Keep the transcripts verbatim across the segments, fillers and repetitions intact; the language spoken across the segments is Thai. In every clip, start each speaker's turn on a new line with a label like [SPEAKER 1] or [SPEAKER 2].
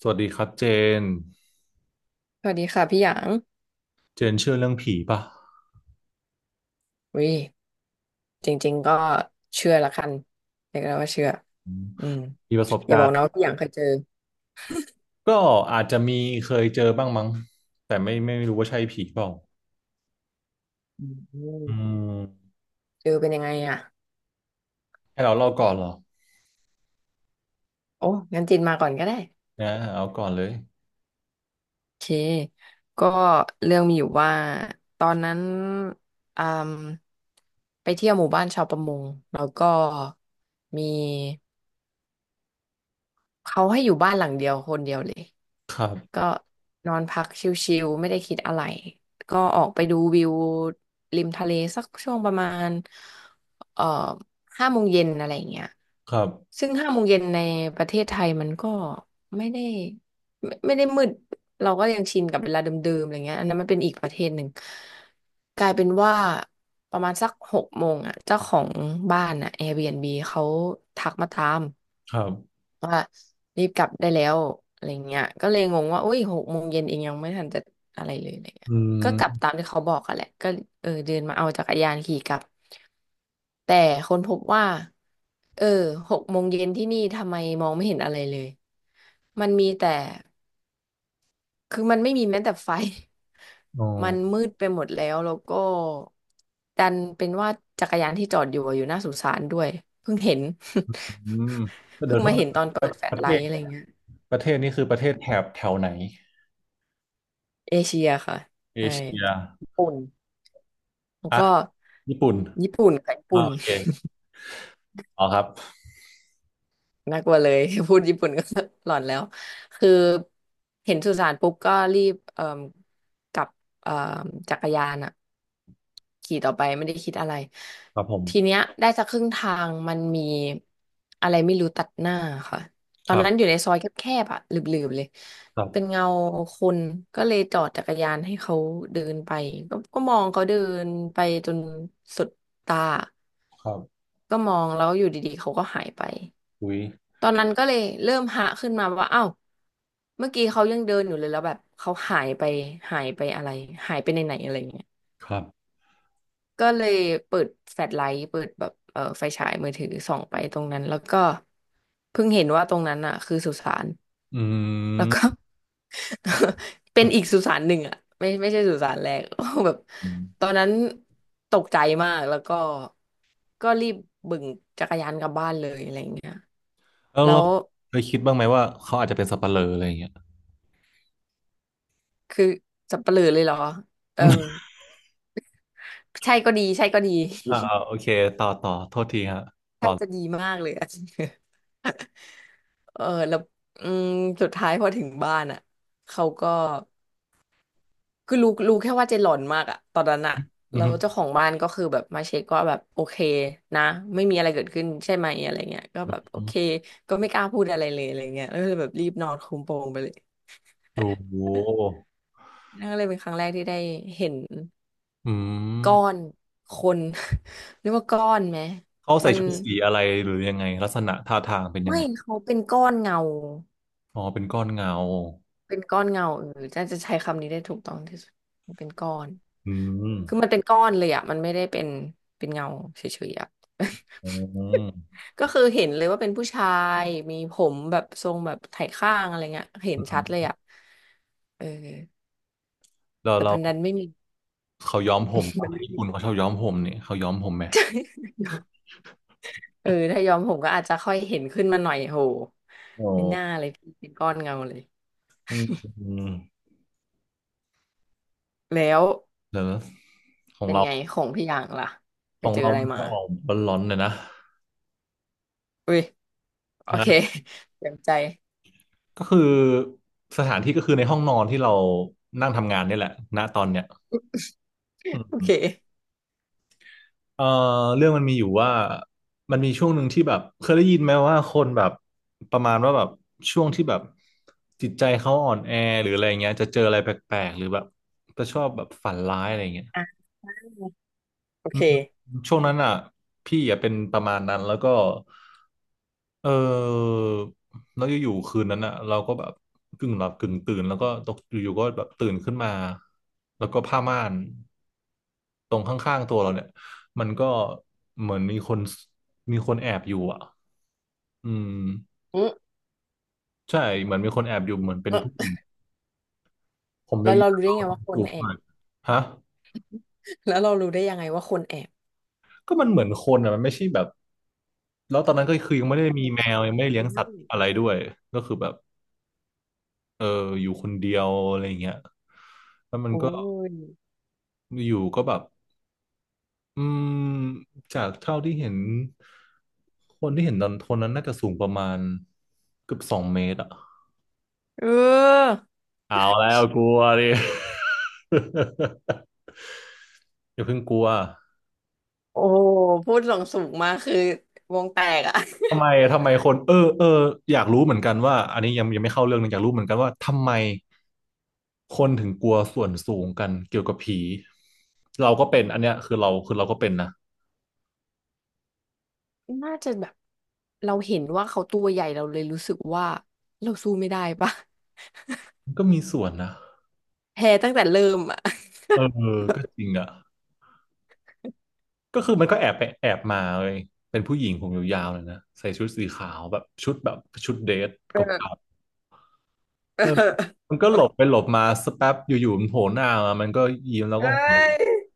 [SPEAKER 1] สวัสดีครับเจน
[SPEAKER 2] สวัสดีค่ะพี่หยาง
[SPEAKER 1] เจนเชื่อเรื่องผีป่ะ
[SPEAKER 2] วิจริงๆก็เชื่อละกันเรียกได้ว่าเชื่อ
[SPEAKER 1] อืม
[SPEAKER 2] อืม
[SPEAKER 1] มีประสบ
[SPEAKER 2] อย่า
[SPEAKER 1] กา
[SPEAKER 2] บอ
[SPEAKER 1] ร
[SPEAKER 2] ก
[SPEAKER 1] ณ์
[SPEAKER 2] นะว่าพี่หยางเคยเจอ
[SPEAKER 1] ก็อาจจะมีเคยเจอบ้างมั้งแต่ไม่ไม่รู้ว่าใช่ผีเปล่า
[SPEAKER 2] อื
[SPEAKER 1] อื
[SPEAKER 2] ม
[SPEAKER 1] ม
[SPEAKER 2] เจอเป็นยังไงอ่ะ
[SPEAKER 1] ให้เราเล่าก่อนเหรอ
[SPEAKER 2] โอ้งั้นจินมาก่อนก็ได้
[SPEAKER 1] นะเอาก่อนเลย
[SPEAKER 2] โอเค ก็เรื่องมีอยู่ว่าตอนนั้นอืมไปเที่ยวหมู่บ้านชาวประมงแล้วก็มีเขาให้อยู่บ้านหลังเดียวคนเดียวเลย
[SPEAKER 1] ครั
[SPEAKER 2] ก็
[SPEAKER 1] บ
[SPEAKER 2] นอนพักชิลๆไม่ได้คิดอะไรก็ออกไปดูวิวริมทะเลสักช่วงประมาณเอ่อห้าโมงเย็นอะไรอย่างเงี้ย
[SPEAKER 1] ครับ
[SPEAKER 2] ซึ่งห้าโมงเย็นในประเทศไทยมันก็ไม่ได้ไม่ไม่ได้มืดเราก็ยังชินกับเวลาเดิมๆอะไรเงี้ยอันนั้นมันเป็นอีกประเทศหนึ่งกลายเป็นว่าประมาณสักหกโมงอ่ะเจ้าของบ้านอ่ะ แอร์บีเอ็นบี เขาทักมาตาม
[SPEAKER 1] ครับ
[SPEAKER 2] ว่ารีบกลับได้แล้วอะไรเงี้ยก็เลยงงว่าอุ้ยหกโมงเย็นเองยังไม่ทันจะอะไรเลยอะไรเงี้ย
[SPEAKER 1] อื
[SPEAKER 2] ก็กลับ
[SPEAKER 1] ม
[SPEAKER 2] ตามที่เขาบอกอะแหละก็เออเดินมาเอาจักรยานขี่กลับแต่คนพบว่าเออหกโมงเย็นที่นี่ทำไมมองไม่เห็นอะไรเลยมันมีแต่คือมันไม่มีแม้แต่ไฟ
[SPEAKER 1] อ๋
[SPEAKER 2] มัน
[SPEAKER 1] อ
[SPEAKER 2] มืดไปหมดแล้วแล้วก็ดันเป็นว่าจักรยานที่จอดอยู่อะอยู่หน้าสุสานด้วยเพิ่งเห็น
[SPEAKER 1] อืม
[SPEAKER 2] เพิ่
[SPEAKER 1] เดี๋ย
[SPEAKER 2] ง
[SPEAKER 1] วโท
[SPEAKER 2] มา
[SPEAKER 1] ษ
[SPEAKER 2] เห็
[SPEAKER 1] นะ
[SPEAKER 2] น
[SPEAKER 1] ค
[SPEAKER 2] ต
[SPEAKER 1] รั
[SPEAKER 2] อ
[SPEAKER 1] บ
[SPEAKER 2] นเปิดแฟล
[SPEAKER 1] ป
[SPEAKER 2] ช
[SPEAKER 1] ระ
[SPEAKER 2] ไล
[SPEAKER 1] เทศ
[SPEAKER 2] ท์อะไรเงี้ย
[SPEAKER 1] ประเทศนี่คือประเทศแถบแถวไหน
[SPEAKER 2] เอเชียค่ะ
[SPEAKER 1] เอ
[SPEAKER 2] ใช่
[SPEAKER 1] เชีย
[SPEAKER 2] ญี่ปุ่นแล้ว
[SPEAKER 1] อ่ะ
[SPEAKER 2] ก็
[SPEAKER 1] ญี่ปุ่น
[SPEAKER 2] ญี่ปุ่นค่ะญี่
[SPEAKER 1] อ่า
[SPEAKER 2] ปุ่น
[SPEAKER 1] โอเคอ๋อครับ
[SPEAKER 2] น่ากลัวเลย พูดญี่ปุ่นก็ หลอนแล้วคือเห็นสุสานปุ๊บก็รีบเอ่มกับเอ่มจักรยานอะขี่ต่อไปไม่ได้คิดอะไร
[SPEAKER 1] ครับผ
[SPEAKER 2] ที
[SPEAKER 1] ม
[SPEAKER 2] เนี้ยได้สักครึ่งทางมันมีอะไรไม่รู้ตัดหน้าค่ะตอ
[SPEAKER 1] ค
[SPEAKER 2] น
[SPEAKER 1] รั
[SPEAKER 2] นั้นอยู่
[SPEAKER 1] บ
[SPEAKER 2] ในซอยแคบๆอะหลืบๆเลย
[SPEAKER 1] ครั
[SPEAKER 2] เป็น
[SPEAKER 1] บ
[SPEAKER 2] เงาคนก็เลยจอดจักรยานให้เขาเดินไปก็ก็มองเขาเดินไปจนสุดตา
[SPEAKER 1] ครับ
[SPEAKER 2] ก็มองแล้วอยู่ดีๆเขาก็หายไป
[SPEAKER 1] อุ้ย
[SPEAKER 2] ตอนนั้นก็เลยเริ่มหะขึ้นมาว่าอ้าวเมื่อกี้เขายังเดินอยู่เลยแล้วแบบเขาหายไปหายไปอะไรหายไปในไหนอะไรเงี้ย
[SPEAKER 1] ครับ
[SPEAKER 2] ก็เลยเปิดแฟลชไลท์เปิดแบบเออไฟฉายมือถือส่องไปตรงนั้นแล้วก็เพิ่งเห็นว่าตรงนั้นอ่ะคือสุสาน
[SPEAKER 1] อื
[SPEAKER 2] แล้วก็ เป็นอีกสุสานหนึ่งอ่ะไม่ไม่ใช่สุสานแรก แบบต
[SPEAKER 1] ม
[SPEAKER 2] อนนั้นตกใจมากแล้วก็ก็รีบบึ่งจักรยานกลับบ้านเลยอะไรเงี้ย
[SPEAKER 1] แล้ว
[SPEAKER 2] แล้
[SPEAKER 1] เรา
[SPEAKER 2] ว
[SPEAKER 1] เคยคิดบ้างไหมว่าเขาอาจจะเป็นสัปเหร่ออะไรอย่างเงี้ย
[SPEAKER 2] คือสับเปลือเลยเหรอเออ ใช่ก็ดีใช่ก็ดี
[SPEAKER 1] อ่าๆโอเคต่อต่อโทษทีฮะ
[SPEAKER 2] ใช่จะดีมากเลย อะเออแล้วอืมสุดท้ายพอถึงบ้านอ่ะเขาก็คือรู้รู้แค่ว่าเจหลอนมากอ่ะตอนนั้นอ่ะ
[SPEAKER 1] อื
[SPEAKER 2] แล้วเจ้า
[SPEAKER 1] ม
[SPEAKER 2] ของบ้านก็คือแบบมาเช็คว่าแบบโอเคนะไม่มีอะไรเกิดขึ้นใช่ไหมอะไรเงี้ยก็แบบโอเคก็ไม่กล้าพูดอะไรเลยอะไรเงี้ยแล้วก็เลยแบบรีบนอนคุมโปงไปเลย
[SPEAKER 1] โอ้โห
[SPEAKER 2] นั่นก็เลยเป็นครั้งแรกที่ได้เห็น
[SPEAKER 1] อื
[SPEAKER 2] ก้อ
[SPEAKER 1] ม
[SPEAKER 2] นคน เรียกว่าก้อนไหม
[SPEAKER 1] เขาใส่
[SPEAKER 2] มัน
[SPEAKER 1] ชุดสีอะไรหรือยังไงลักษณะท่าทางเป็นยัง
[SPEAKER 2] ไม่
[SPEAKER 1] ไง
[SPEAKER 2] เขาเป็นก้อนเงา
[SPEAKER 1] อ๋อเป็นก้อนเงา
[SPEAKER 2] เป็นก้อนเงาเออน่าจะใช้คำนี้ได้ถูกต้องที่สุดมันเป็นก้อน
[SPEAKER 1] อืม
[SPEAKER 2] คือมันเป็นก้อนเลยอ่ะมันไม่ได้เป็นเป็นเงาเฉยๆอ่ะ
[SPEAKER 1] อืมอ
[SPEAKER 2] ก็คือเห็นเลยว่าเป็นผู้ชายมีผมแบบทรงแบบไถข้างอะไรเงี้ยเห็น
[SPEAKER 1] ื
[SPEAKER 2] ชัดเล
[SPEAKER 1] ม
[SPEAKER 2] ยอ่ะเออ
[SPEAKER 1] เรา
[SPEAKER 2] แต่
[SPEAKER 1] เรา
[SPEAKER 2] มันดันไม่มี
[SPEAKER 1] เขาย้อมผม
[SPEAKER 2] มั
[SPEAKER 1] ปะ
[SPEAKER 2] นไม่
[SPEAKER 1] ญี่
[SPEAKER 2] มี
[SPEAKER 1] ปุ่นเขาชอบย้อมผมนี่เขาย้อมผมไหม
[SPEAKER 2] ยอมเออถ้ายอมผมก็อาจจะค่อยเห็นขึ้นมาหน่อยโห
[SPEAKER 1] โอ้
[SPEAKER 2] ไม่น่าเลยพี่เป็นก้อนเงาเลย
[SPEAKER 1] อืมอืม
[SPEAKER 2] แล้ว
[SPEAKER 1] เดี๋ยวนะของ
[SPEAKER 2] เป็น
[SPEAKER 1] เรา
[SPEAKER 2] ไงของพี่อย่างล่ะไป
[SPEAKER 1] ของ
[SPEAKER 2] เจอ
[SPEAKER 1] เรา
[SPEAKER 2] อะไร
[SPEAKER 1] มัน
[SPEAKER 2] มา
[SPEAKER 1] จะออกร้อนๆหน่อยนะ
[SPEAKER 2] อุ้ย โอเค
[SPEAKER 1] ฮะ
[SPEAKER 2] เต็มใจ
[SPEAKER 1] ก็คือสถานที่ก็คือในห้องนอนที่เรานั่งทำงานเนี่ยแหละณตอนเนี้ยอื
[SPEAKER 2] โอเค
[SPEAKER 1] มเอ่อเรื่องมันมีอยู่ว่ามันมีช่วงหนึ่งที่แบบเคยได้ยินไหมว่าคนแบบประมาณว่าแบบช่วงที่แบบจิตใจเขาอ่อนแอหรืออะไรเงี้ยจะเจออะไรแปลกๆหรือแบบจะชอบแบบฝันร้ายอะไรเงี้ย
[SPEAKER 2] อ่ะโอเค
[SPEAKER 1] ช่วงนั้นอ่ะพี่อ่ะเป็นประมาณนั้นแล้วก็เออแล้วอยู่ๆคืนนั้นอ่ะเราก็แบบกึ่งหลับกึ่งตื่นแล้วก็ตกอยู่ๆก็แบบตื่นขึ้นมาแล้วก็ผ้าม่านตรงข้างๆตัวเราเนี่ยมันก็เหมือนมีคนมีคนแอบอยู่อ่ะอืม
[SPEAKER 2] อืม
[SPEAKER 1] ใช่เหมือนมีคนแอบอยู่เหมือนเป็นผู้ห
[SPEAKER 2] อื
[SPEAKER 1] ญิ
[SPEAKER 2] ม
[SPEAKER 1] งผม
[SPEAKER 2] แล้
[SPEAKER 1] ยา
[SPEAKER 2] วเรารู้ได้
[SPEAKER 1] ว
[SPEAKER 2] ไงว่าค
[SPEAKER 1] ๆ
[SPEAKER 2] น
[SPEAKER 1] สูง
[SPEAKER 2] แอ
[SPEAKER 1] หน่
[SPEAKER 2] บ
[SPEAKER 1] อยฮะ
[SPEAKER 2] แล้วเรารู้ได้ยังไงว่าคนแอบ
[SPEAKER 1] ก็มันเหมือนคนอ่ะมันไม่ใช่แบบแล้วตอนนั้นก็คือยังไม่ได้มีแมว
[SPEAKER 2] ค่ะ
[SPEAKER 1] ยังไม่
[SPEAKER 2] อื
[SPEAKER 1] ได้
[SPEAKER 2] ม
[SPEAKER 1] เลี้ยงสั
[SPEAKER 2] นั่
[SPEAKER 1] ต
[SPEAKER 2] น
[SPEAKER 1] ว์อะไรด้วยก็คือแบบ เอออยู่คนเดียวอะไรอย่างเงี้ยแล้วมัน
[SPEAKER 2] โอ้
[SPEAKER 1] ก็
[SPEAKER 2] ย
[SPEAKER 1] อยู่ก็แบบอืมจากเท่าที่เห็นคนที่เห็นตอนคนนั้นน่าจะสูงประมาณเกือบสองเมตรอ่ะ
[SPEAKER 2] เออ
[SPEAKER 1] เอาแล้วกลัวดิ อย่าเพิ่งกลัว
[SPEAKER 2] โอ้พูดหลงสูงมากคือวงแตกอะ
[SPEAKER 1] ทำไมทำไมคนเออเอออยากรู้เหมือนกันว่าอันนี้ยังยังไม่เข้าเรื่องนะอยากรู้เหมือนกันว่าทำไมคนถึงกลัวส่วนสูงกันเกี่ยวกับผีเราก็เป็นอันเนี้ยคือเราคือเราก็เป็นนะ
[SPEAKER 2] น่าจะแบบเราเห็นว่าเขาตัวใหญ่เราเลยรู้สึกว่าเราสู้ไม่ได้ปะ
[SPEAKER 1] มันก็มีส่วนนะ
[SPEAKER 2] แพ้ตั้งแต่เริ่มอะ
[SPEAKER 1] เออก็จริงอ่ะ ก็คือมันก็แอบไปแอบมาเลยเป็นผู้หญิงผมยาวๆเลยนะใส่ชุดสีขาวแบบชุดแบบชุดเดทเก่า
[SPEAKER 2] เออเ
[SPEAKER 1] ๆเออ
[SPEAKER 2] ออ
[SPEAKER 1] มันก็หลบไปหลบมาสักแป๊บอยู่ๆมันโผล่หน้ามามันก็ยิ้มแล้ว
[SPEAKER 2] เอ้
[SPEAKER 1] ก็หัวเราะ
[SPEAKER 2] ย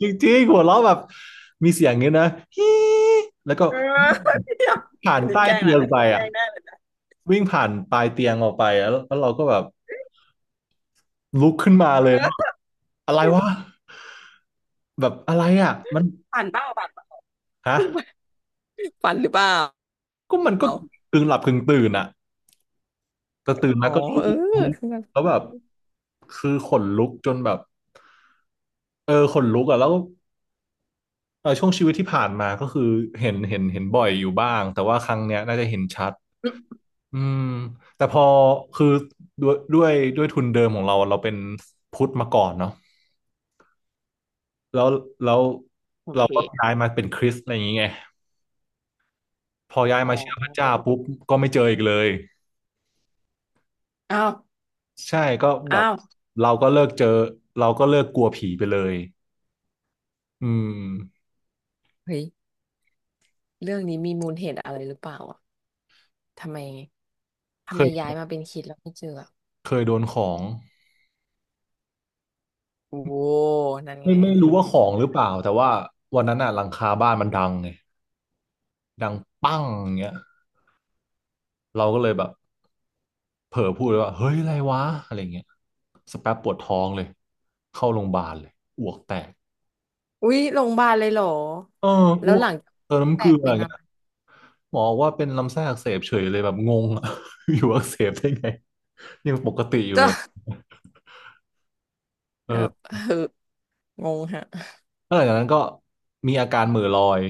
[SPEAKER 1] จริงๆหัวเราะแบบมีเสียงเงี้ยนะ ฮีแล้วก็
[SPEAKER 2] เออ
[SPEAKER 1] วิ่ง
[SPEAKER 2] เดี๋ยว
[SPEAKER 1] ผ่า
[SPEAKER 2] อั
[SPEAKER 1] น
[SPEAKER 2] นนี้
[SPEAKER 1] ใต้
[SPEAKER 2] แกล้ง
[SPEAKER 1] เตี
[SPEAKER 2] ละ
[SPEAKER 1] ยง
[SPEAKER 2] อัน
[SPEAKER 1] ไป
[SPEAKER 2] นี้แกล้
[SPEAKER 1] อ่ะ
[SPEAKER 2] งได้เลยนะ
[SPEAKER 1] วิ่งผ่านปลายเตียงออกไปแล้วแล้วเราก็แบบลุกขึ้นมาเลยแล้วแบบอะไรวะแบบอะไรอ่ะมัน
[SPEAKER 2] ผ่านเป้าผ่านเป้า
[SPEAKER 1] ฮะ
[SPEAKER 2] ฝันหรือเปล่า
[SPEAKER 1] ก็มันก็กึ่งหลับกึ่งตื่นอ่ะ แต่ตื่น
[SPEAKER 2] อ๋อ
[SPEAKER 1] มาก็รู้
[SPEAKER 2] เออ
[SPEAKER 1] รู้
[SPEAKER 2] คือแบบ
[SPEAKER 1] แล้วแบบคือขนลุกจนแบบเออขนลุกอ่ะแล้วเออช่วงชีวิตที่ผ่านมาก็คือเห็นเห็นเห็นบ่อยอยู่บ้างแต่ว่าครั้งเนี้ยน่าจะเห็นชัดอืมแต่พอคือด้วยด้วยด้วยทุนเดิมของเราเราเป็นพุทธมาก่อนเนาะแล้วแล้ว
[SPEAKER 2] โอ
[SPEAKER 1] เรา
[SPEAKER 2] เค
[SPEAKER 1] ก็ย้ายมาเป็นคริสต์อะไรอย่างเงี้ยพอย้าย
[SPEAKER 2] อ๋
[SPEAKER 1] มาเชื่อพระเจ้า
[SPEAKER 2] อ
[SPEAKER 1] ปุ๊บก็ไม่เจออีกเลย
[SPEAKER 2] อ้าว
[SPEAKER 1] ใช่ก็แบบ
[SPEAKER 2] อ้าว
[SPEAKER 1] เราก็เลิกเจอเราก็เลิกกลัวผีไปเลยอืม
[SPEAKER 2] เฮ้ย เรื่องนี้มีมูลเหตุอะไรหรือเปล่าอ่ะทำไม
[SPEAKER 1] เค
[SPEAKER 2] ทำไมย้า
[SPEAKER 1] ย
[SPEAKER 2] ยมาเป็นคิดแล้วไม่เจออะ
[SPEAKER 1] เคยโดนของ
[SPEAKER 2] โอ้นั่น
[SPEAKER 1] ไม่
[SPEAKER 2] ไง
[SPEAKER 1] ไม่รู้ว่าของหรือเปล่าแต่ว่าวันนั้นอ่ะหลังคาบ้านมันดังไงดังปั้งอย่างเงี้ยเราก็เลยแบบเผลอพูดเลยว่าเฮ้ยอะไรวะอะไรเงี้ยสกแป๊บปวดท้องเลยเข้าโรงพยาบาลเลยอ้วกแตก
[SPEAKER 2] อุ๊ยโรงพยาบาลเลยเหรอ
[SPEAKER 1] เออ
[SPEAKER 2] แล้
[SPEAKER 1] อ้
[SPEAKER 2] ว
[SPEAKER 1] ว
[SPEAKER 2] ห
[SPEAKER 1] ก
[SPEAKER 2] ลังจาก
[SPEAKER 1] เติมน้ำ
[SPEAKER 2] แต
[SPEAKER 1] เกลื
[SPEAKER 2] ก
[SPEAKER 1] อ
[SPEAKER 2] เป็
[SPEAKER 1] อ
[SPEAKER 2] น
[SPEAKER 1] ย่าง
[SPEAKER 2] อะ
[SPEAKER 1] เงี้ย
[SPEAKER 2] ไร
[SPEAKER 1] หมอบอกว่าเป็นลำไส้อักเสบเฉยเลยแบบงงอะ อยู่อักเสบได้ไงยังปกติอยู่
[SPEAKER 2] ก็
[SPEAKER 1] เลยเอ
[SPEAKER 2] แบบ
[SPEAKER 1] อ
[SPEAKER 2] เอองงฮะ
[SPEAKER 1] แล้วหลังจากนั้นก็มีอาการเหม่อลอย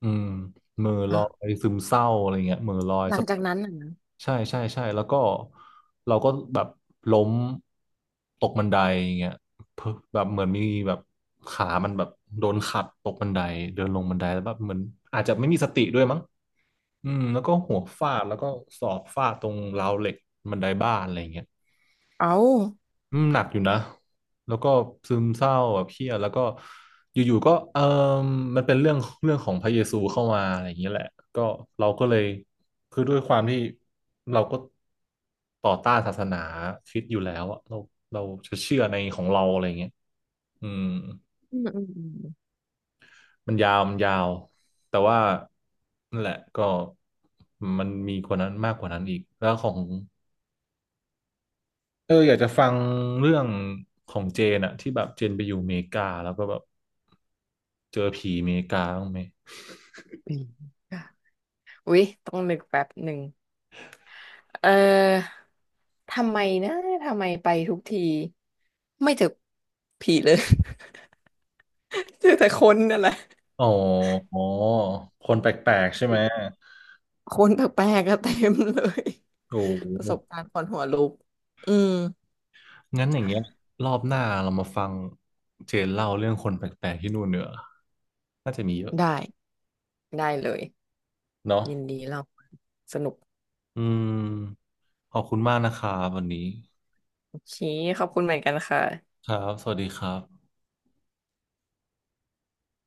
[SPEAKER 1] อืมเหม่อลอ
[SPEAKER 2] อ่ะ
[SPEAKER 1] ยซึมเศร้าอะไรเงี้ยเหม่อลอย
[SPEAKER 2] หลัง
[SPEAKER 1] สัก
[SPEAKER 2] จากนั้นน่ะนะ
[SPEAKER 1] ใช่ใช่ใช่แล้วก็เราก็แบบล้มตกบันไดอย่างเงี้ยเพิ่งแบบเหมือนมีแบบขามันแบบโดนขัดตกบันไดเดินลงบันไดแล้วแบบเหมือนอาจจะไม่มีสติด้วยมั้งอืมแล้วก็หัวฟาดแล้วก็ศอกฟาดตรงราวเหล็กบันไดบ้านอะไรอย่างเงี้ย
[SPEAKER 2] เอ้า
[SPEAKER 1] อืมหนักอยู่นะ แล้วก็ซึมเศร้าแบบเครียดแล้วก็อยู่ๆก็เออมันเป็นเรื่องเรื่องของพระเยซูเข้ามาอะไรอย่างเงี้ยแหละก็เราก็เลยคือด้วยความที่เราก็ต่อต้านศาสนาคริสต์อยู่แล้วอะเราเราจะเชื่อในของเราอะไรอย่างเงี้ยอืม
[SPEAKER 2] อืมอืมอืม
[SPEAKER 1] มันยาวมันยาวแต่ว่านั่นแหละก็มันมีกว่านั้นมากกว่านั้นอีกแล้วของเอออยากจะฟังเรื่องของเจนอะที่แบบเจนไปอยู่อเมริกาแล้วก็แบบ เจอผีอเมริกาบ้างไหม
[SPEAKER 2] อืมอุ๊ย ต้องนึกแป๊บหนึ่ง เออ ทำไมนะทำไมไปทุกทีไม่เจอผีเลย เจอแต่คนนั่นแหละ
[SPEAKER 1] อ๋ออ๋อคนแปลกๆใช่ไหม
[SPEAKER 2] คนแปลกๆก็เต็มเลย
[SPEAKER 1] โอ้โห
[SPEAKER 2] ประสบการณ์คนหัวลุกอืม
[SPEAKER 1] งั้นอย่างเงี้ยรอบหน้าเรามาฟังเจนเล่าเรื่องคนแปลกๆที่นู่นเนอะน่าจะมีเยอะ
[SPEAKER 2] ได้ได้เลย
[SPEAKER 1] เนาะ
[SPEAKER 2] ยินดีเราสนุก
[SPEAKER 1] อืมขอบคุณมากนะครับวันนี้
[SPEAKER 2] โอเคขอบคุณเหมือนกันค่ะ
[SPEAKER 1] ครับ สวัสดีครับ